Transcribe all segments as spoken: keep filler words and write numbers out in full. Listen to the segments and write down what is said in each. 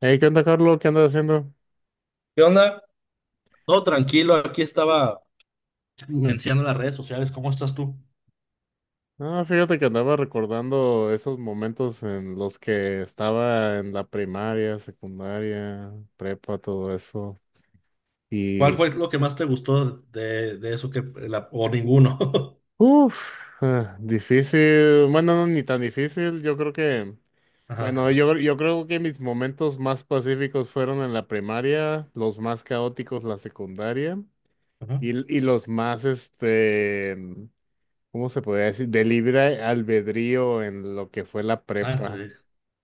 Hey, ¿qué onda, Carlos? ¿Qué andas haciendo? ¿Qué onda? Todo tranquilo, aquí estaba mencionando las redes sociales. ¿Cómo estás tú? Ah, fíjate que andaba recordando esos momentos en los que estaba en la primaria, secundaria, prepa, todo eso. ¿Cuál Y, fue lo que más te gustó de, de eso que la- o ninguno? Uff, difícil. Bueno, no, ni tan difícil. Yo creo que, bueno, Ajá. yo, yo creo que mis momentos más pacíficos fueron en la primaria, los más caóticos la secundaria Ajá. y, y los más, este, ¿cómo se podría decir? De libre albedrío en lo que fue la Ah, sí. prepa.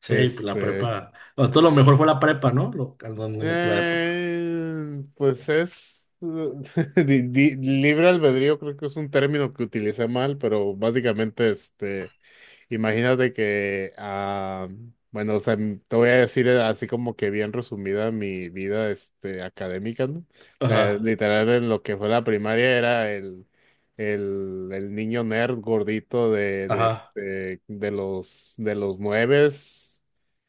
Sí, pues la Este, prepa. Bueno, todo lo mejor fue la prepa, ¿no? Lo, a donde me trae- eh, pues es di- di- libre albedrío, creo que es un término que utilicé mal, pero básicamente, este, imagínate que, ah, bueno, o sea, m- te voy a decir eh, así como que bien resumida mi vida, este, académica, ¿no? O sea, Ajá, literal en lo que fue la primaria era el, el, el niño nerd gordito de, de, ajá, este, de los, de los nueves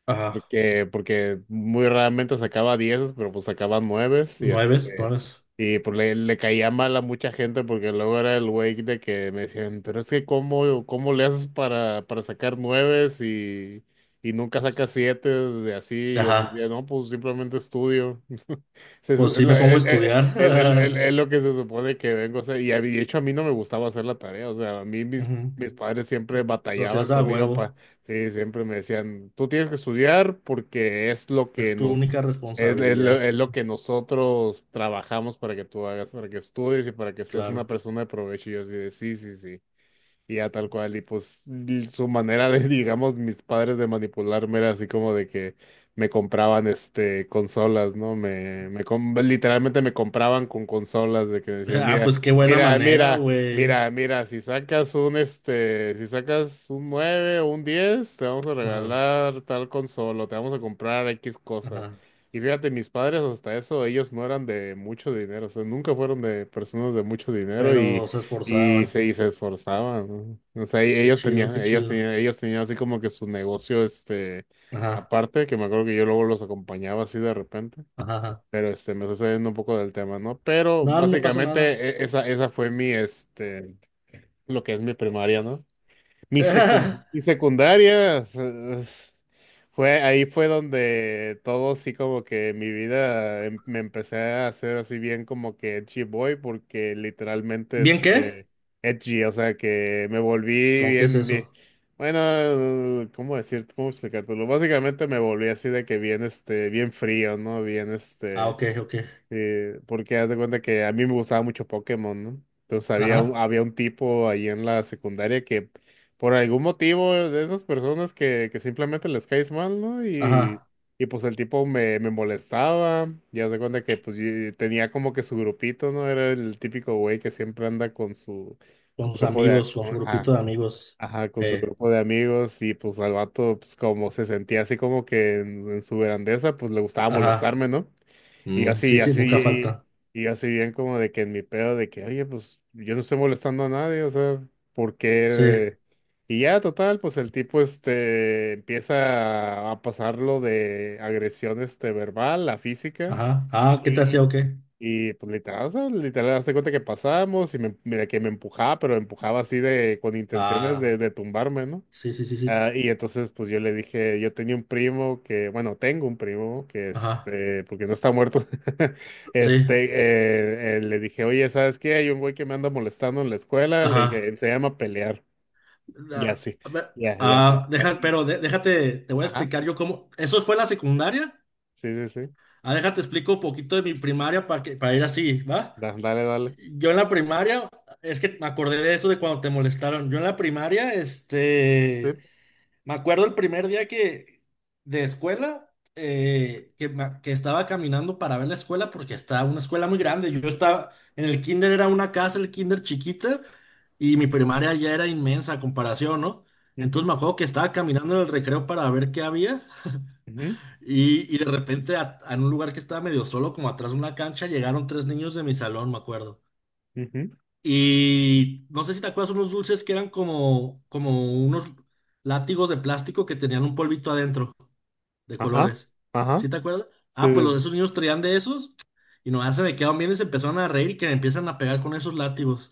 ajá. porque, porque muy raramente sacaba dieces, pero pues sacaban nueves y Nueves, este, nueves. y pues le, le caía mal a mucha gente porque luego era el güey de que me decían, pero es que cómo, cómo le haces para, para sacar nueves y, y nunca sacas siete de así, y yo Ajá. decía, no, pues simplemente estudio. Se- es Pues sí me la- pongo a el- el- estudiar. el- el- el- Es lo que se supone que vengo a hacer. Y a mí- de hecho a mí no me gustaba hacer la tarea, o sea, a mí mis, Ujú. mis padres siempre Lo batallaban hacías a conmigo para... huevo. Sí, siempre me decían, tú tienes que estudiar porque es lo que Es tu nos única es, es lo, es responsabilidad, lo que nosotros trabajamos para que tú hagas, para que estudies y para que seas una claro. persona de provecho. Y yo así de, sí, sí, sí. Y ya tal cual, y pues l- su manera de, digamos, mis padres de manipularme era así como de que me compraban este consolas, ¿no? Me, me com- literalmente me compraban con consolas de que decían, Ah, mira, pues qué buena mira, manera, mira, güey. mira, mira, si sacas un este, si sacas un nueve o un diez te vamos a Ajá, regalar tal consola, o te vamos a comprar X cosa. ajá, Y fíjate, mis padres hasta eso, ellos no eran de mucho dinero, o sea, nunca fueron de personas de mucho dinero pero se y esforzaban. se, y se esforzaban, ¿no? O sea, y Qué ellos chido, tenían, qué ellos chido. tenían, ellos tenían así como que su negocio, este, Ajá, aparte, que me acuerdo que yo luego los acompañaba así de repente, ajá, ajá. pero este, me estoy saliendo un poco del tema, ¿no? Pero No, no pasa básicamente nada. e- esa, esa fue mi, este, lo que es mi primaria, no, mi secu- mi secundaria. Eh, fue ahí fue donde todo sí como que mi vida em- me empecé a hacer así bien como que edgy boy porque literalmente ¿Bien qué? este edgy, o sea que me volví ¿Con qué es bien bien eso? bueno, eh, ¿cómo decir? ¿Cómo explicártelo? Básicamente me volví así de que bien este bien frío, ¿no? Bien Ah, este ok, ok. Eh, porque haz de cuenta que a mí me gustaba mucho Pokémon, ¿no? Entonces había un, Ajá, había un tipo ahí en la secundaria que por algún motivo de esas personas que, que simplemente les caes mal, ¿no? Y, ajá. y pues el tipo me, me molestaba, y haz de cuenta que pues yo tenía como que su grupito, ¿no? Era el típico güey que siempre anda con su Con sus grupo de... a- amigos, con su grupito Ajá. de amigos. Ajá, con su Eh, grupo de amigos y pues al vato pues como se sentía así como que en, en su grandeza pues le gustaba ajá. molestarme, ¿no? Y yo Mm, así, y sí, sí, así, nunca falta. y, y yo así bien como de que en mi pedo de que, oye, pues yo no estoy molestando a nadie, o sea, ¿por Sí, qué? Y ya, total, pues el tipo este empieza a pasarlo de agresión este verbal a física. ajá. Ah, ¿qué te hacía Y, o qué? y, pues literal, o sea, literal, hazte cuenta que pasamos y me, mira que me empujaba, pero empujaba así de, con intenciones Ah, de, de tumbarme, ¿no? sí, sí, sí, sí. Ah, y entonces, pues yo le dije, yo tenía un primo que, bueno, tengo un primo que, Ajá, este, porque no está muerto, sí, este, eh, eh, le dije, oye, ¿sabes qué? Hay un güey que me anda molestando en la escuela, le ajá. dije, se llama pelear, ya Ah, sí, a ver, ya, ya sí, ah, ya deja, sí, pero de- déjate, te voy a ajá, explicar yo cómo. ¿Eso fue la secundaria? sí, sí, sí. Ah, déjate explico un poquito de mi primaria para que, para ir así, ¿va? Da- dale, dale. Yo en la primaria, es que me acordé de eso de cuando te molestaron. Yo en la primaria, este, Sí, me acuerdo el primer día que, de escuela, eh, que, ma- que estaba caminando para ver la escuela porque estaba una escuela muy grande. Yo estaba, en el kinder era una casa, el kinder chiquita, y mi primaria ya era inmensa a comparación, ¿no? Entonces ujú, me acuerdo que estaba caminando en el recreo para ver qué había. ujú, Y, y de repente a, a un lugar que estaba medio solo, como atrás de una cancha, llegaron tres niños de mi salón, me acuerdo. ujú, Y no sé si te acuerdas unos dulces que eran como, como unos látigos de plástico que tenían un polvito adentro de ajá, colores. ¿Sí ajá, te acuerdas? sí, Ah, pues sí, los, sí. esos niños traían de esos y nomás se me quedaron bien y se empezaron a reír y que me empiezan a pegar con esos látigos.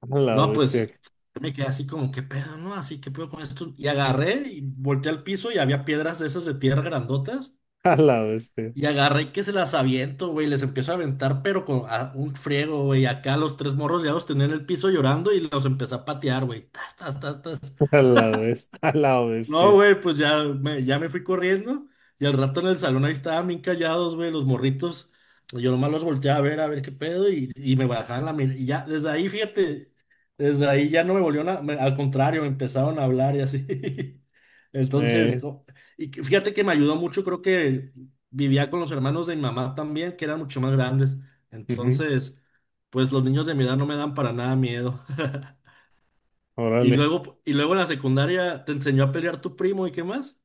A la No, bestia. pues yo me quedé así como, ¿qué pedo, no? Así, ¿qué pedo con esto? Y agarré y volteé al piso y había piedras de esas de tierra grandotas. A la bestia, Y agarré que se las aviento, güey, les empiezo a aventar, pero con a- un friego, güey. Acá los tres morros ya los tenía en el piso llorando y los empecé a patear, güey. Tas, tas, tas, tas. a la bestia, a la No, bestia. güey, pues ya me, ya me fui corriendo y al rato en el salón ahí estaban bien callados, güey, los morritos. Yo nomás los volteé a ver, a ver qué pedo y, y me bajaban la mirada. Y ya, desde ahí, fíjate, desde ahí ya no me volvieron a, me- al contrario, me empezaron a hablar y así. Entonces, eh, no, y que- fíjate que me ayudó mucho, creo que vivía con los hermanos de mi mamá también, que eran mucho más grandes. Ujú, Entonces, pues los niños de mi edad no me dan para nada miedo. Y órale. luego, y luego en la secundaria te enseñó a pelear tu primo y qué más.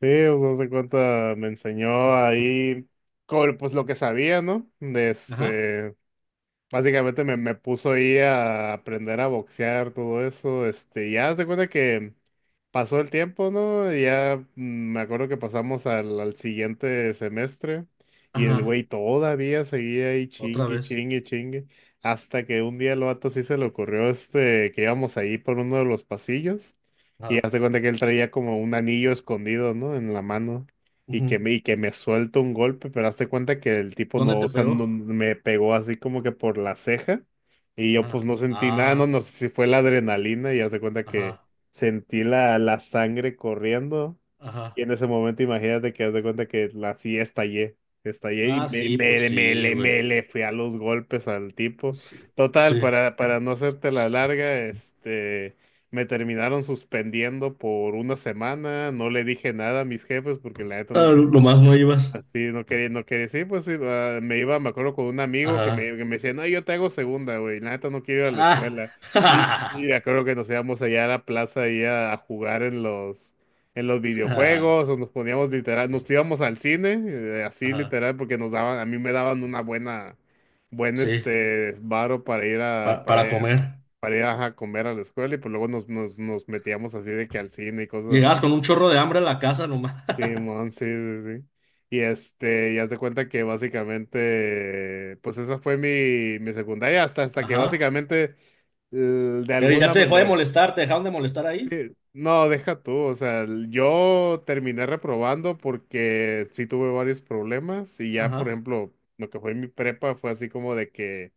Sí, o sea, se cuenta, me enseñó ahí, co- pues lo que sabía, ¿no? De Ajá, este. Básicamente me, me puso ahí a aprender a boxear, todo eso, este, ya se cuenta que pasó el tiempo, ¿no? Y ya mm, me acuerdo que pasamos al, al siguiente semestre y el güey ajá, todavía seguía ahí otra chingue, vez. chingue, chingue, hasta que un día el vato sí se le ocurrió, este, que íbamos ahí por uno de los pasillos y Ajá, hace cuenta que él traía como un anillo escondido, ¿no? En la mano. Y que ujú. me, y que me suelta un golpe, pero hazte cuenta que el tipo ¿Dónde no, o te sea, no- pegó? me pegó así como que por la ceja y yo pues Ajá, no sentí nada, no, ah, no sé si fue la adrenalina y hazte cuenta que ajá, sentí la, la sangre corriendo y ajá. en ese momento imagínate que hazte cuenta que la, así estallé, estallé y Ah, me, sí, pues me, me, sí, le- güey. me le fui a los golpes al tipo. Sí, Total, sí. para, para no hacerte la larga. este... Me terminaron suspendiendo por una semana, no le dije nada a mis jefes porque la neta no. Ah, lo más no ibas. Sí, no quería, no quería, sí, pues sí, ah, me iba, me acuerdo con un amigo que me, Ajá, que me decía, no, yo te hago segunda, güey, la neta no quiero ir a la ah, escuela. Y, y me acuerdo que nos íbamos allá a la plaza ahí a, a jugar en los, en los ajá, videojuegos, o nos poníamos literal, nos íbamos al cine, eh, así ajá. literal, porque nos daban, a mí me daban una buena, buen Sí, este, varo para ir a, pa- para para ir a, comer. para ir a comer a la escuela, y pues luego nos, nos, nos metíamos así de que al cine y cosas. Llegabas con un chorro de hambre a la casa nomás. Simón, sí, sí, sí. Y este, y haz de cuenta que básicamente, pues esa fue mi, mi secundaria, hasta, hasta que Ajá. básicamente, l- de Pero ya alguna te dejó de manera, molestar, te dejaron de molestar ahí. no, deja tú, o sea, l- yo terminé reprobando porque sí tuve varios problemas y ya, por Ajá. ejemplo, lo que fue mi prepa fue así como de que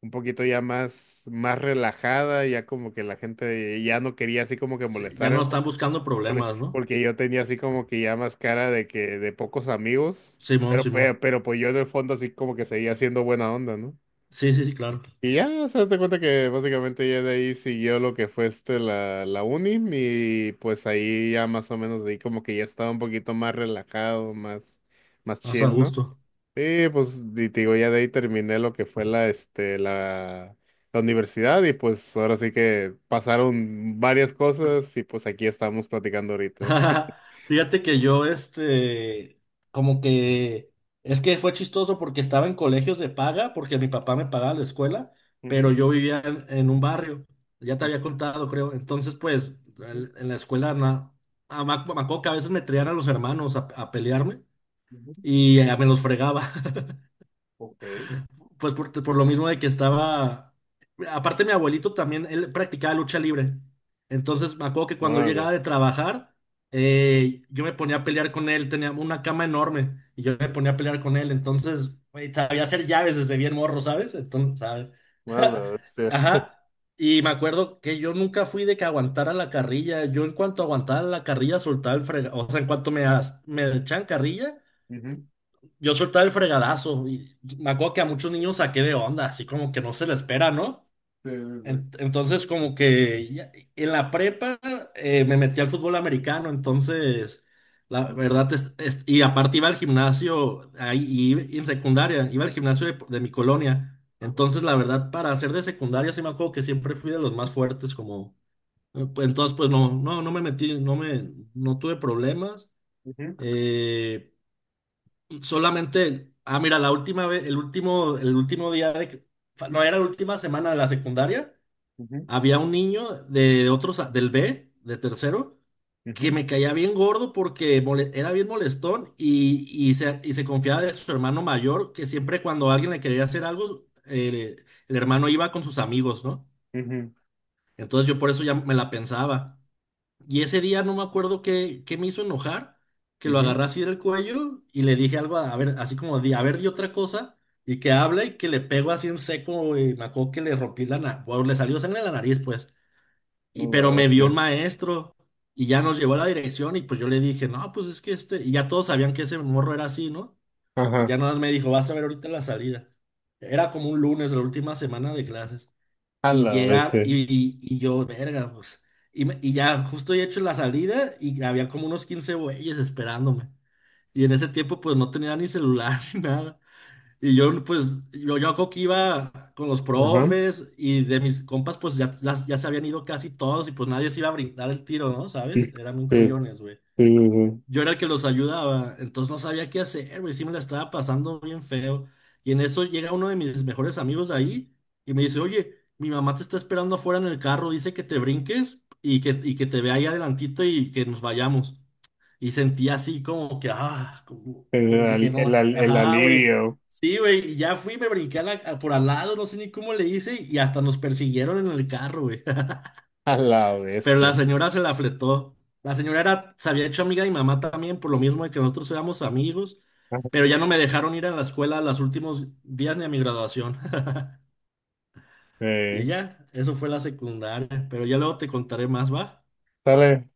un poquito ya más, más relajada, ya como que la gente ya no quería así como que Sí, ya no molestar. están buscando Ole. problemas, ¿no? Porque yo tenía así como que ya más cara de que de pocos amigos, Simón, pero, Simón. pe- pero, pues yo en el fondo así como que seguía siendo buena onda, ¿no? Sí, sí, sí, claro. Y ya se das cuenta que básicamente ya de ahí siguió lo que fue este la, la uni y pues ahí ya más o menos de ahí como que ya estaba un poquito más relajado, más, más, Más a chill, ¿no? gusto. Sí, pues y te digo, ya de ahí terminé lo que fue la, este, la, la universidad y pues ahora sí que pasaron varias cosas y pues aquí estamos platicando ahorita. Fíjate que yo, este, como que, es que fue chistoso porque estaba en colegios de paga, porque mi papá me pagaba la escuela, pero yo vivía en, en un barrio, ya te había contado, creo. Entonces, pues, Ujú, el- en la escuela, na- ah, me ac- me acuerdo que a veces me traían a los hermanos a, a pelearme ujú. y eh, me los fregaba. Ok. Pues por, por lo mismo de que estaba. Aparte, mi abuelito también, él practicaba lucha libre. Entonces, me acuerdo que cuando él llegaba Órale, de trabajar, eh, yo me ponía a pelear con él. Tenía una cama enorme y yo me ponía a pelear con él. Entonces, güey, sabía hacer llaves desde bien morro, ¿sabes? Entonces, ¿sabes? órale, bestia. Ajá. Y me acuerdo que yo nunca fui de que aguantara la carrilla. Yo, en cuanto aguantaba la carrilla, soltaba el frega. O sea, en cuanto me, as- me echan carrilla. Ujú. Yo soltaba el fregadazo y me acuerdo que a muchos niños saqué de onda, así como que no se le espera, ¿no? Sí, sí, En- Entonces, como que ya- en la prepa eh, me metí al fútbol americano, entonces, la sí. verdad, Yes. es- es- y aparte iba al gimnasio, ahí y, y en secundaria, iba al gimnasio de, de mi colonia. Ajá. Entonces, la verdad, para ser de secundaria, sí me acuerdo que siempre fui de los más fuertes, como, eh, pues, entonces, pues no, no, no me metí, no me, no tuve problemas. Ujú, eh, Solamente, ah, mira, la última vez, el último, el último día de, que- no, era la última semana de la secundaria, ujú, había un niño de otros, del B, de tercero, que ujú, me caía bien gordo porque mole- era bien molestón y, y se, y se confiaba de su hermano mayor, que siempre cuando alguien le quería hacer algo, eh, el hermano iba con sus amigos, ¿no? ujú, Entonces yo por eso ya me la pensaba. Y ese día no me acuerdo qué, qué me hizo enojar, que lo agarré así del cuello y le dije algo, a, a ver, así como, di, a ver, di otra cosa, y que habla y que le pego así en seco, y me acuerdo que le rompí la nariz, le salió sangre en la nariz, pues, y, ujú. A la pero me vio un bestia. maestro y ya nos llevó a la dirección y pues yo le dije, no, pues es que este, y ya todos sabían que ese morro era así, ¿no? Y Ajá. ya nada más me dijo, vas a ver ahorita la salida. Era como un lunes, la última semana de clases A y la llegar, bestia. y, y- y yo, verga, pues. Y, me- y ya justo he hecho la salida y había como unos quince güeyes esperándome. Y en ese tiempo pues no tenía ni celular ni nada. Y yo pues, yo, yo creo que iba con los Ajá. profes y de mis compas pues ya, ya, ya se habían ido casi todos y pues nadie se iba a brindar el tiro, ¿no? ¿Sabes? Sí, Eran un sí, coyones, güey. sí, sí. Yo era el que los ayudaba, entonces no sabía qué hacer, güey, sí me la estaba pasando bien feo. Y en eso llega uno de mis mejores amigos de ahí y me dice, oye, mi mamá te está esperando afuera en el carro, dice que te brinques y que, y que te vea ahí adelantito y que nos vayamos. Y sentí así como que, ah, como- El, y dije, al- no, el, al- el ajá, güey. alivio. Sí, güey, y ya fui, me brinqué a la- a- por al lado, no sé ni cómo le hice y hasta nos persiguieron en el carro, güey. A la Pero la bestia. señora se la fletó. La señora era, se había hecho amiga de mi mamá también, por lo mismo de que nosotros éramos amigos, Ajá. pero ya no me dejaron ir a la escuela los últimos días ni a mi graduación. Y Eh, ya, eso fue la secundaria, pero ya luego te contaré más, ¿va? Dale.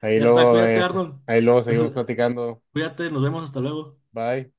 Ahí Ya está, luego, cuídate, eh, Arnold. Ahí luego seguimos platicando. Cuídate, nos vemos, hasta luego. Bye.